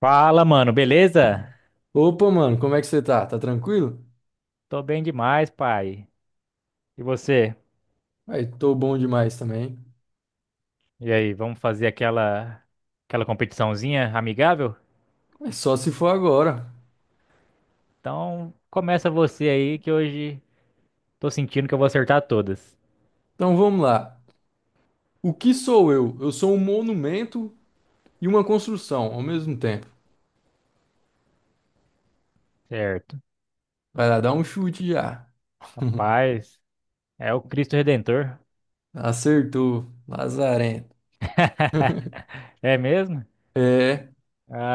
Fala, mano, beleza? Opa, mano, como é que você tá? Tá tranquilo? Tô bem demais, pai. E você? Aí, tô bom demais também. E aí, vamos fazer aquela competiçãozinha amigável? Mas só se for agora. Então, começa você aí que hoje tô sentindo que eu vou acertar todas. Então vamos lá. O que sou eu? Eu sou um monumento e uma construção ao mesmo tempo. Certo. Vai lá, dá um chute já. Rapaz, é o Cristo Redentor. Acertou, lazarento. É mesmo? É,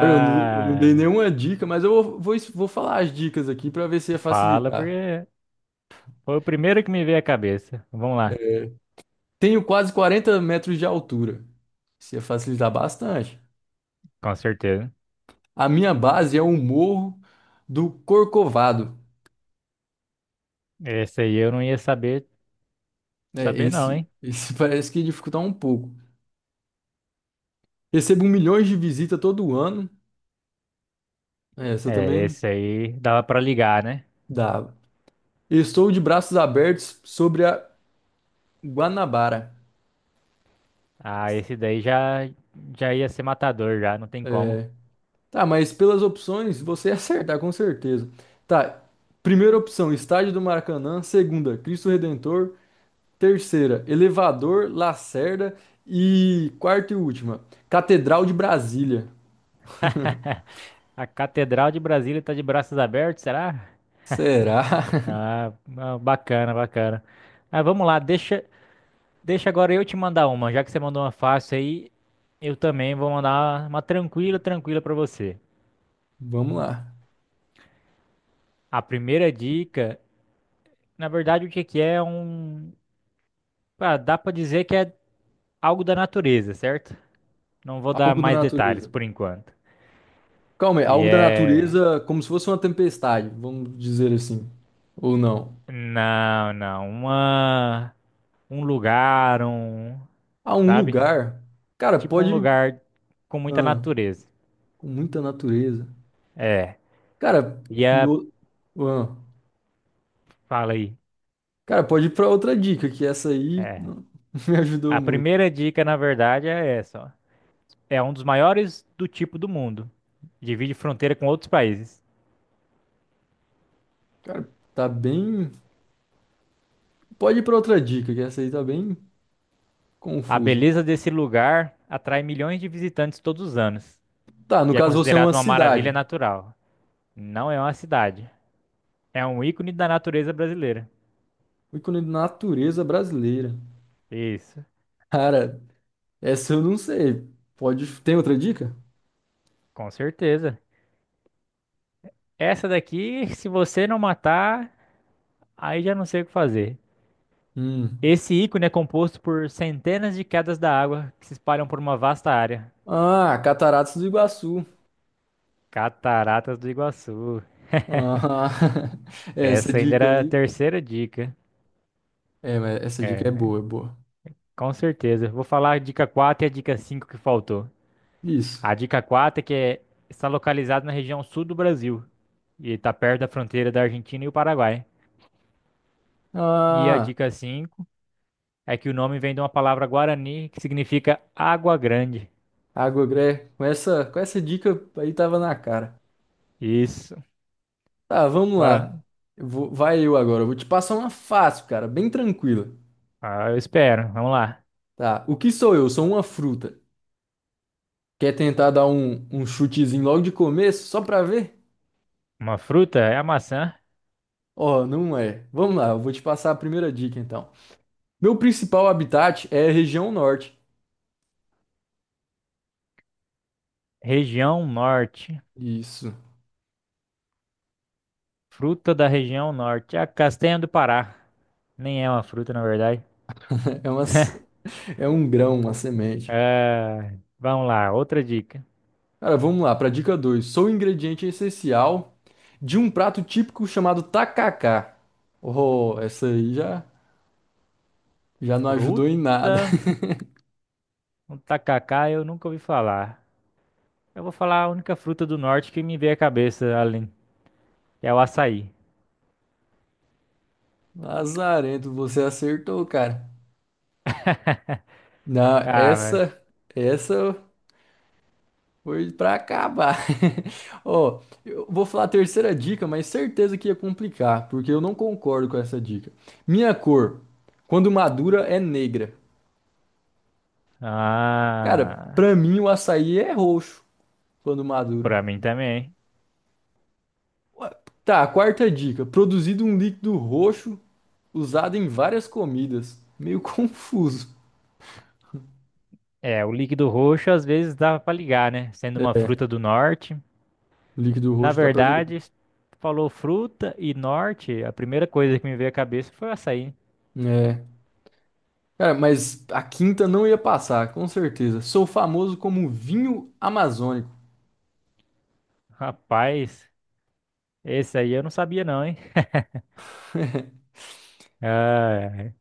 cara, eu não dei nenhuma dica, mas eu vou falar as dicas aqui pra ver se ia fala facilitar. porque foi o primeiro que me veio à cabeça. Vamos lá, É, tenho quase 40 metros de altura. Isso ia facilitar bastante. com certeza. A minha base é o Morro do Corcovado. Esse aí eu não ia saber É, saber não, esse, hein? esse parece que dificulta um pouco. Recebo milhões de visitas todo ano. É, essa É, também esse aí dava pra ligar, né? dava. Estou de braços abertos sobre a Guanabara. Ah, esse daí já ia ser matador, já, não tem como. É, tá, mas pelas opções você ia acertar, com certeza. Tá, primeira opção, Estádio do Maracanã. Segunda, Cristo Redentor. Terceira, Elevador, Lacerda. E quarta e última, Catedral de Brasília. A Catedral de Brasília tá de braços abertos, será? Será? Ah, bacana, bacana. Ah, vamos lá, deixa agora eu te mandar uma. Já que você mandou uma fácil aí, eu também vou mandar uma tranquila, tranquila pra você. Vamos lá. A primeira dica, na verdade, o que que é um... Ah, dá pra dizer que é algo da natureza, certo? Não vou dar Algo da mais detalhes natureza. por enquanto. Calma aí, E algo da é... natureza, como se fosse uma tempestade, vamos dizer assim. Ou não. Não, não, uma... um lugar, um, Ah, um sabe? lugar. Cara, Tipo um pode. lugar com muita Ah, natureza. com muita natureza. É. Cara, E a, no... ah, fala aí. cara, pode ir pra outra dica, que essa aí É, não me ajudou a muito. primeira dica, na verdade, é essa, ó. É um dos maiores do tipo do mundo. Divide fronteira com outros países. Cara, tá bem. Pode ir pra outra dica, que essa aí tá bem A confusa. beleza desse lugar atrai milhões de visitantes todos os anos Tá, no e é caso você é uma considerado uma maravilha cidade. natural. Não é uma cidade, é um ícone da natureza brasileira. O ícone de natureza brasileira. Isso, Cara, essa eu não sei. Pode. Tem outra dica? com certeza. Essa daqui, se você não matar, aí já não sei o que fazer. Hum. Esse ícone é composto por centenas de quedas da água que se espalham por uma vasta área. Ah, Cataratas do Iguaçu. Cataratas do Iguaçu. Ah, essa Essa ainda dica era a aí. terceira dica. É, mas essa dica é É, boa, é boa. com certeza. Vou falar a dica 4 e a dica 5 que faltou. Isso. A dica 4 é que está localizado na região sul do Brasil e está perto da fronteira da Argentina e o Paraguai. E a Ah, dica 5 é que o nome vem de uma palavra guarani que significa água grande. água gré. Com essa dica aí tava na cara. Isso. Tá, vamos Agora, lá. Vai eu agora. Eu vou te passar uma fácil, cara, bem tranquila. ah, eu espero. Vamos lá. Tá. O que sou eu? Sou uma fruta. Quer tentar dar um chutezinho logo de começo, só pra ver? Uma fruta é a maçã. Ó, não é. Vamos lá, eu vou te passar a primeira dica então. Meu principal habitat é a região norte. Região Norte. Isso. Fruta da região Norte. A castanha do Pará. Nem é uma fruta, na verdade. É uma, É um grão, uma semente. É, vamos lá, outra dica. Cara, vamos lá, para dica 2. Sou um ingrediente essencial de um prato típico chamado tacacá. Oh, essa aí já não ajudou em nada. Fruta. O tacacá eu nunca ouvi falar. Eu vou falar a única fruta do norte que me veio à cabeça, além, que é o açaí. Lazarento, você acertou, cara. Não, Ah, vai. essa foi pra acabar. Ó, eu vou falar a terceira dica, mas certeza que ia complicar, porque eu não concordo com essa dica. Minha cor, quando madura, é negra. Cara, Ah, pra mim o açaí é roxo, quando maduro. pra mim também. Ué, tá, quarta dica. Produzido um líquido roxo usado em várias comidas. Meio confuso. É, o líquido roxo às vezes dava pra ligar, né? Sendo uma É, fruta do norte. líquido Na roxo dá pra ligar. verdade, falou fruta e norte, a primeira coisa que me veio à cabeça foi o açaí. É. Cara, mas a quinta não ia passar, com certeza. Sou famoso como vinho amazônico. Rapaz, esse aí eu não sabia não, hein? Ah,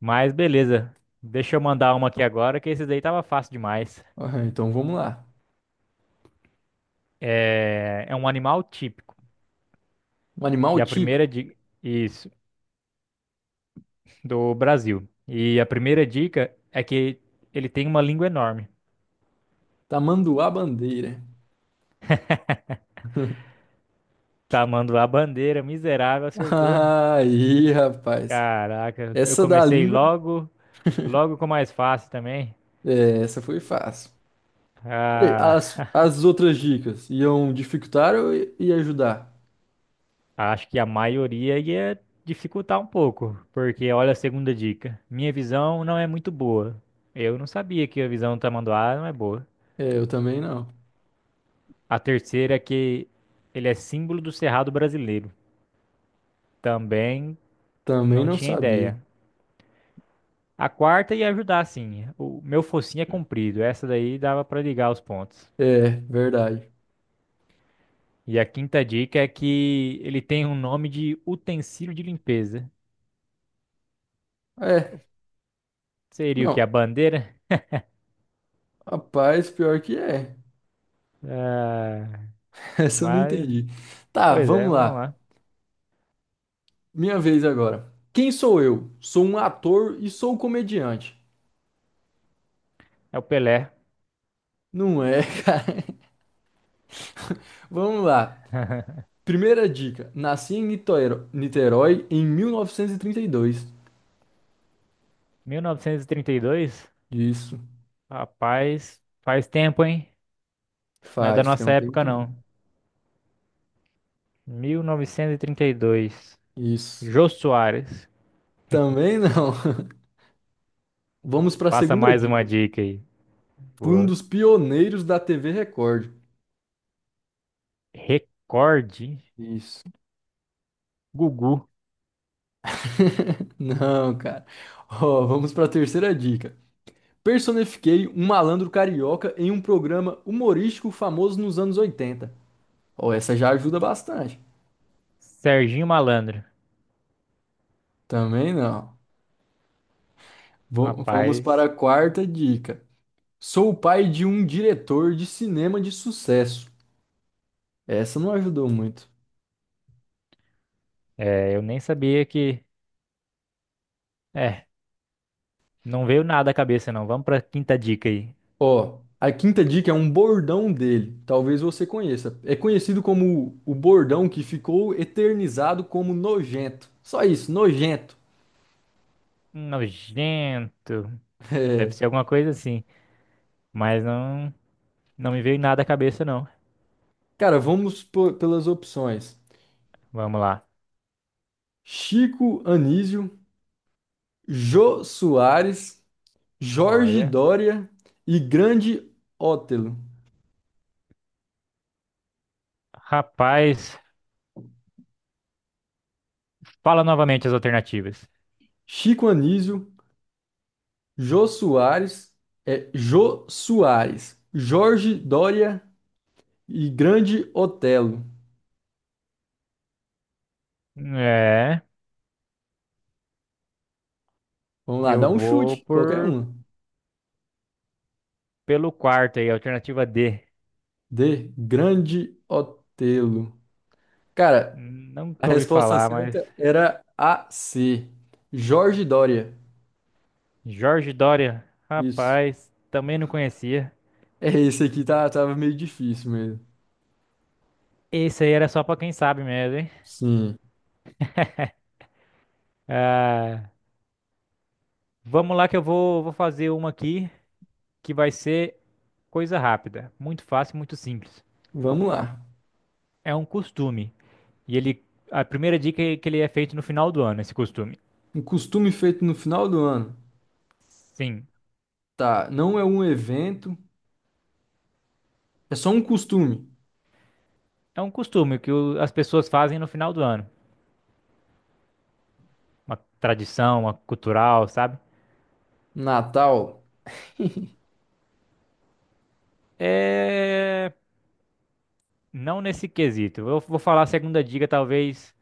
mas beleza. Deixa eu mandar uma aqui agora, que esse daí tava fácil demais. Então vamos lá. É, é um animal típico. Um animal E a típico, primeira dica. Isso, do Brasil. E a primeira dica é que ele tem uma língua enorme. tamanduá bandeira. Tamanduá bandeira, miserável, acertou. Aí, rapaz. Caraca, eu Essa da comecei língua, logo com o mais fácil também. é, essa foi fácil. Peraí, Ah. as outras dicas iam dificultar ou ia ajudar? Acho que a maioria ia dificultar um pouco, porque olha a segunda dica. Minha visão não é muito boa. Eu não sabia que a visão do Tamanduá não é boa. É, eu também não. A terceira é que ele é símbolo do Cerrado brasileiro. Também Também não não tinha sabia. ideia. A quarta ia ajudar, sim. O meu focinho é comprido. Essa daí dava pra ligar os pontos. É, verdade. E a quinta dica é que ele tem um nome de utensílio de limpeza. É, Seria o que? não. A bandeira? Rapaz, pior que é. Ah, Essa eu não mas, entendi. Tá, pois é, vamos vamos lá. lá. Minha vez agora. Quem sou eu? Sou um ator e sou um comediante. É o Pelé. Não é, cara. Vamos lá. Primeira dica. Nasci em Niterói em mil novecentos e trinta e dois. 1932? Isso. Rapaz, faz tempo, hein? Não é da Faz, tem nossa um época, tempinho. não. 1932. Isso. Jô Soares. Também não. Vamos para a Passa segunda mais uma dica. dica aí. Fui um Boa. dos pioneiros da TV Record. Recorde. Isso. Gugu. Não, cara. Ó, vamos para a terceira dica. Personifiquei um malandro carioca em um programa humorístico famoso nos anos 80. Ó, essa já ajuda bastante. Serginho Malandro. Também não. Vamos para a Rapaz, quarta dica. Sou o pai de um diretor de cinema de sucesso. Essa não ajudou muito. é, eu nem sabia que. É, não veio nada à cabeça, não. Vamos pra quinta dica aí. Ó, a quinta dica é um bordão dele. Talvez você conheça. É conhecido como o bordão que ficou eternizado como nojento. Só isso, nojento. Nojento. Deve ser É. alguma coisa assim. Mas não me veio nada à cabeça, não. Cara, vamos pelas opções: Vamos lá. Chico Anísio, Jô Soares, Jorge Olha. Dória e Grande Otelo. Rapaz, fala novamente as alternativas. Chico Anísio, Jô Soares, é Jô Soares, Jorge Dória e Grande Otelo. É, Vamos lá, dá eu um vou chute, qualquer por um. pelo quarto aí, alternativa D. D. Grande Otelo. Cara, a Nunca ouvi resposta falar, mas certa era a C. Jorge Dória. Jorge Doria, Isso. rapaz, também não conhecia. É, esse aqui tava meio difícil mesmo. Esse aí era só pra quem sabe mesmo, hein? Sim. Ah, vamos lá que eu vou fazer uma aqui que vai ser coisa rápida, muito fácil, muito simples. Vamos lá. É um costume e ele a primeira dica é que ele é feito no final do ano, esse costume. Um costume feito no final do ano. Sim. Tá, não é um evento, é só um costume. É um costume que as pessoas fazem no final do ano. Uma tradição, uma cultural, sabe? Natal? É... Não nesse quesito. Eu vou falar a segunda dica,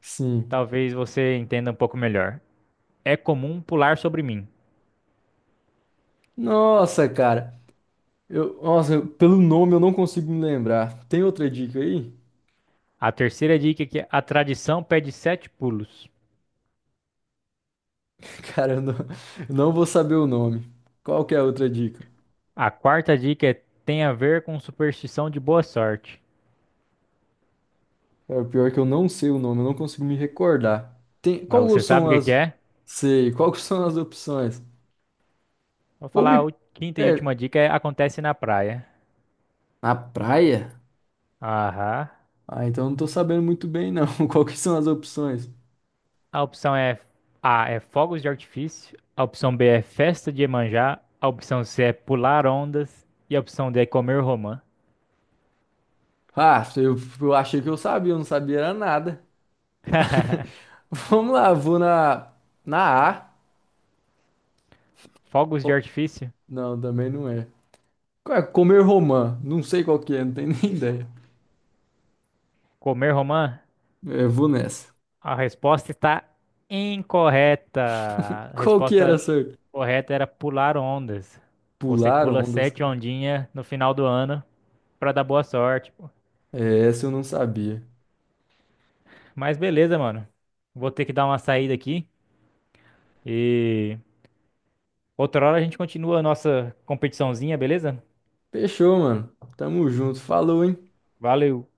Sim. talvez você entenda um pouco melhor. É comum pular sobre mim. Nossa, cara. Pelo nome eu não consigo me lembrar. Tem outra dica aí? A terceira dica é que a tradição pede sete pulos. Cara, eu não vou saber o nome. Qual que é a outra dica? A quarta dica é tem a ver com superstição de boa sorte. É, o pior é que eu não sei o nome, eu não consigo me recordar. Tem, Mas qual você sabe são o que que as. é? Sei, quais são as opções? Vou Ou falar a me. Quinta e É, última dica é acontece na praia. na praia? Aham. Ah, então eu não tô sabendo muito bem, não. Qual que são as opções? A opção A é fogos de artifício, a opção B é festa de Iemanjá, a opção C é pular ondas e a opção D é comer romã. Ah, eu achei que eu sabia, eu não sabia era nada. Vamos lá, vou na. Na A. Fogos de Oh, artifício, não, também não é. Qual é? Comer romã. Não sei qual que é, não tenho nem ideia. comer romã? É, vou nessa. A resposta está incorreta. A Qual que era resposta essa? correta era pular ondas. Você Pular pula ondas, sete cara. ondinhas no final do ano pra dar boa sorte. Pô. É, essa eu não sabia. Mas beleza, mano. Vou ter que dar uma saída aqui e outra hora a gente continua a nossa competiçãozinha, beleza? Fechou, mano. Tamo junto. Falou, hein? Valeu.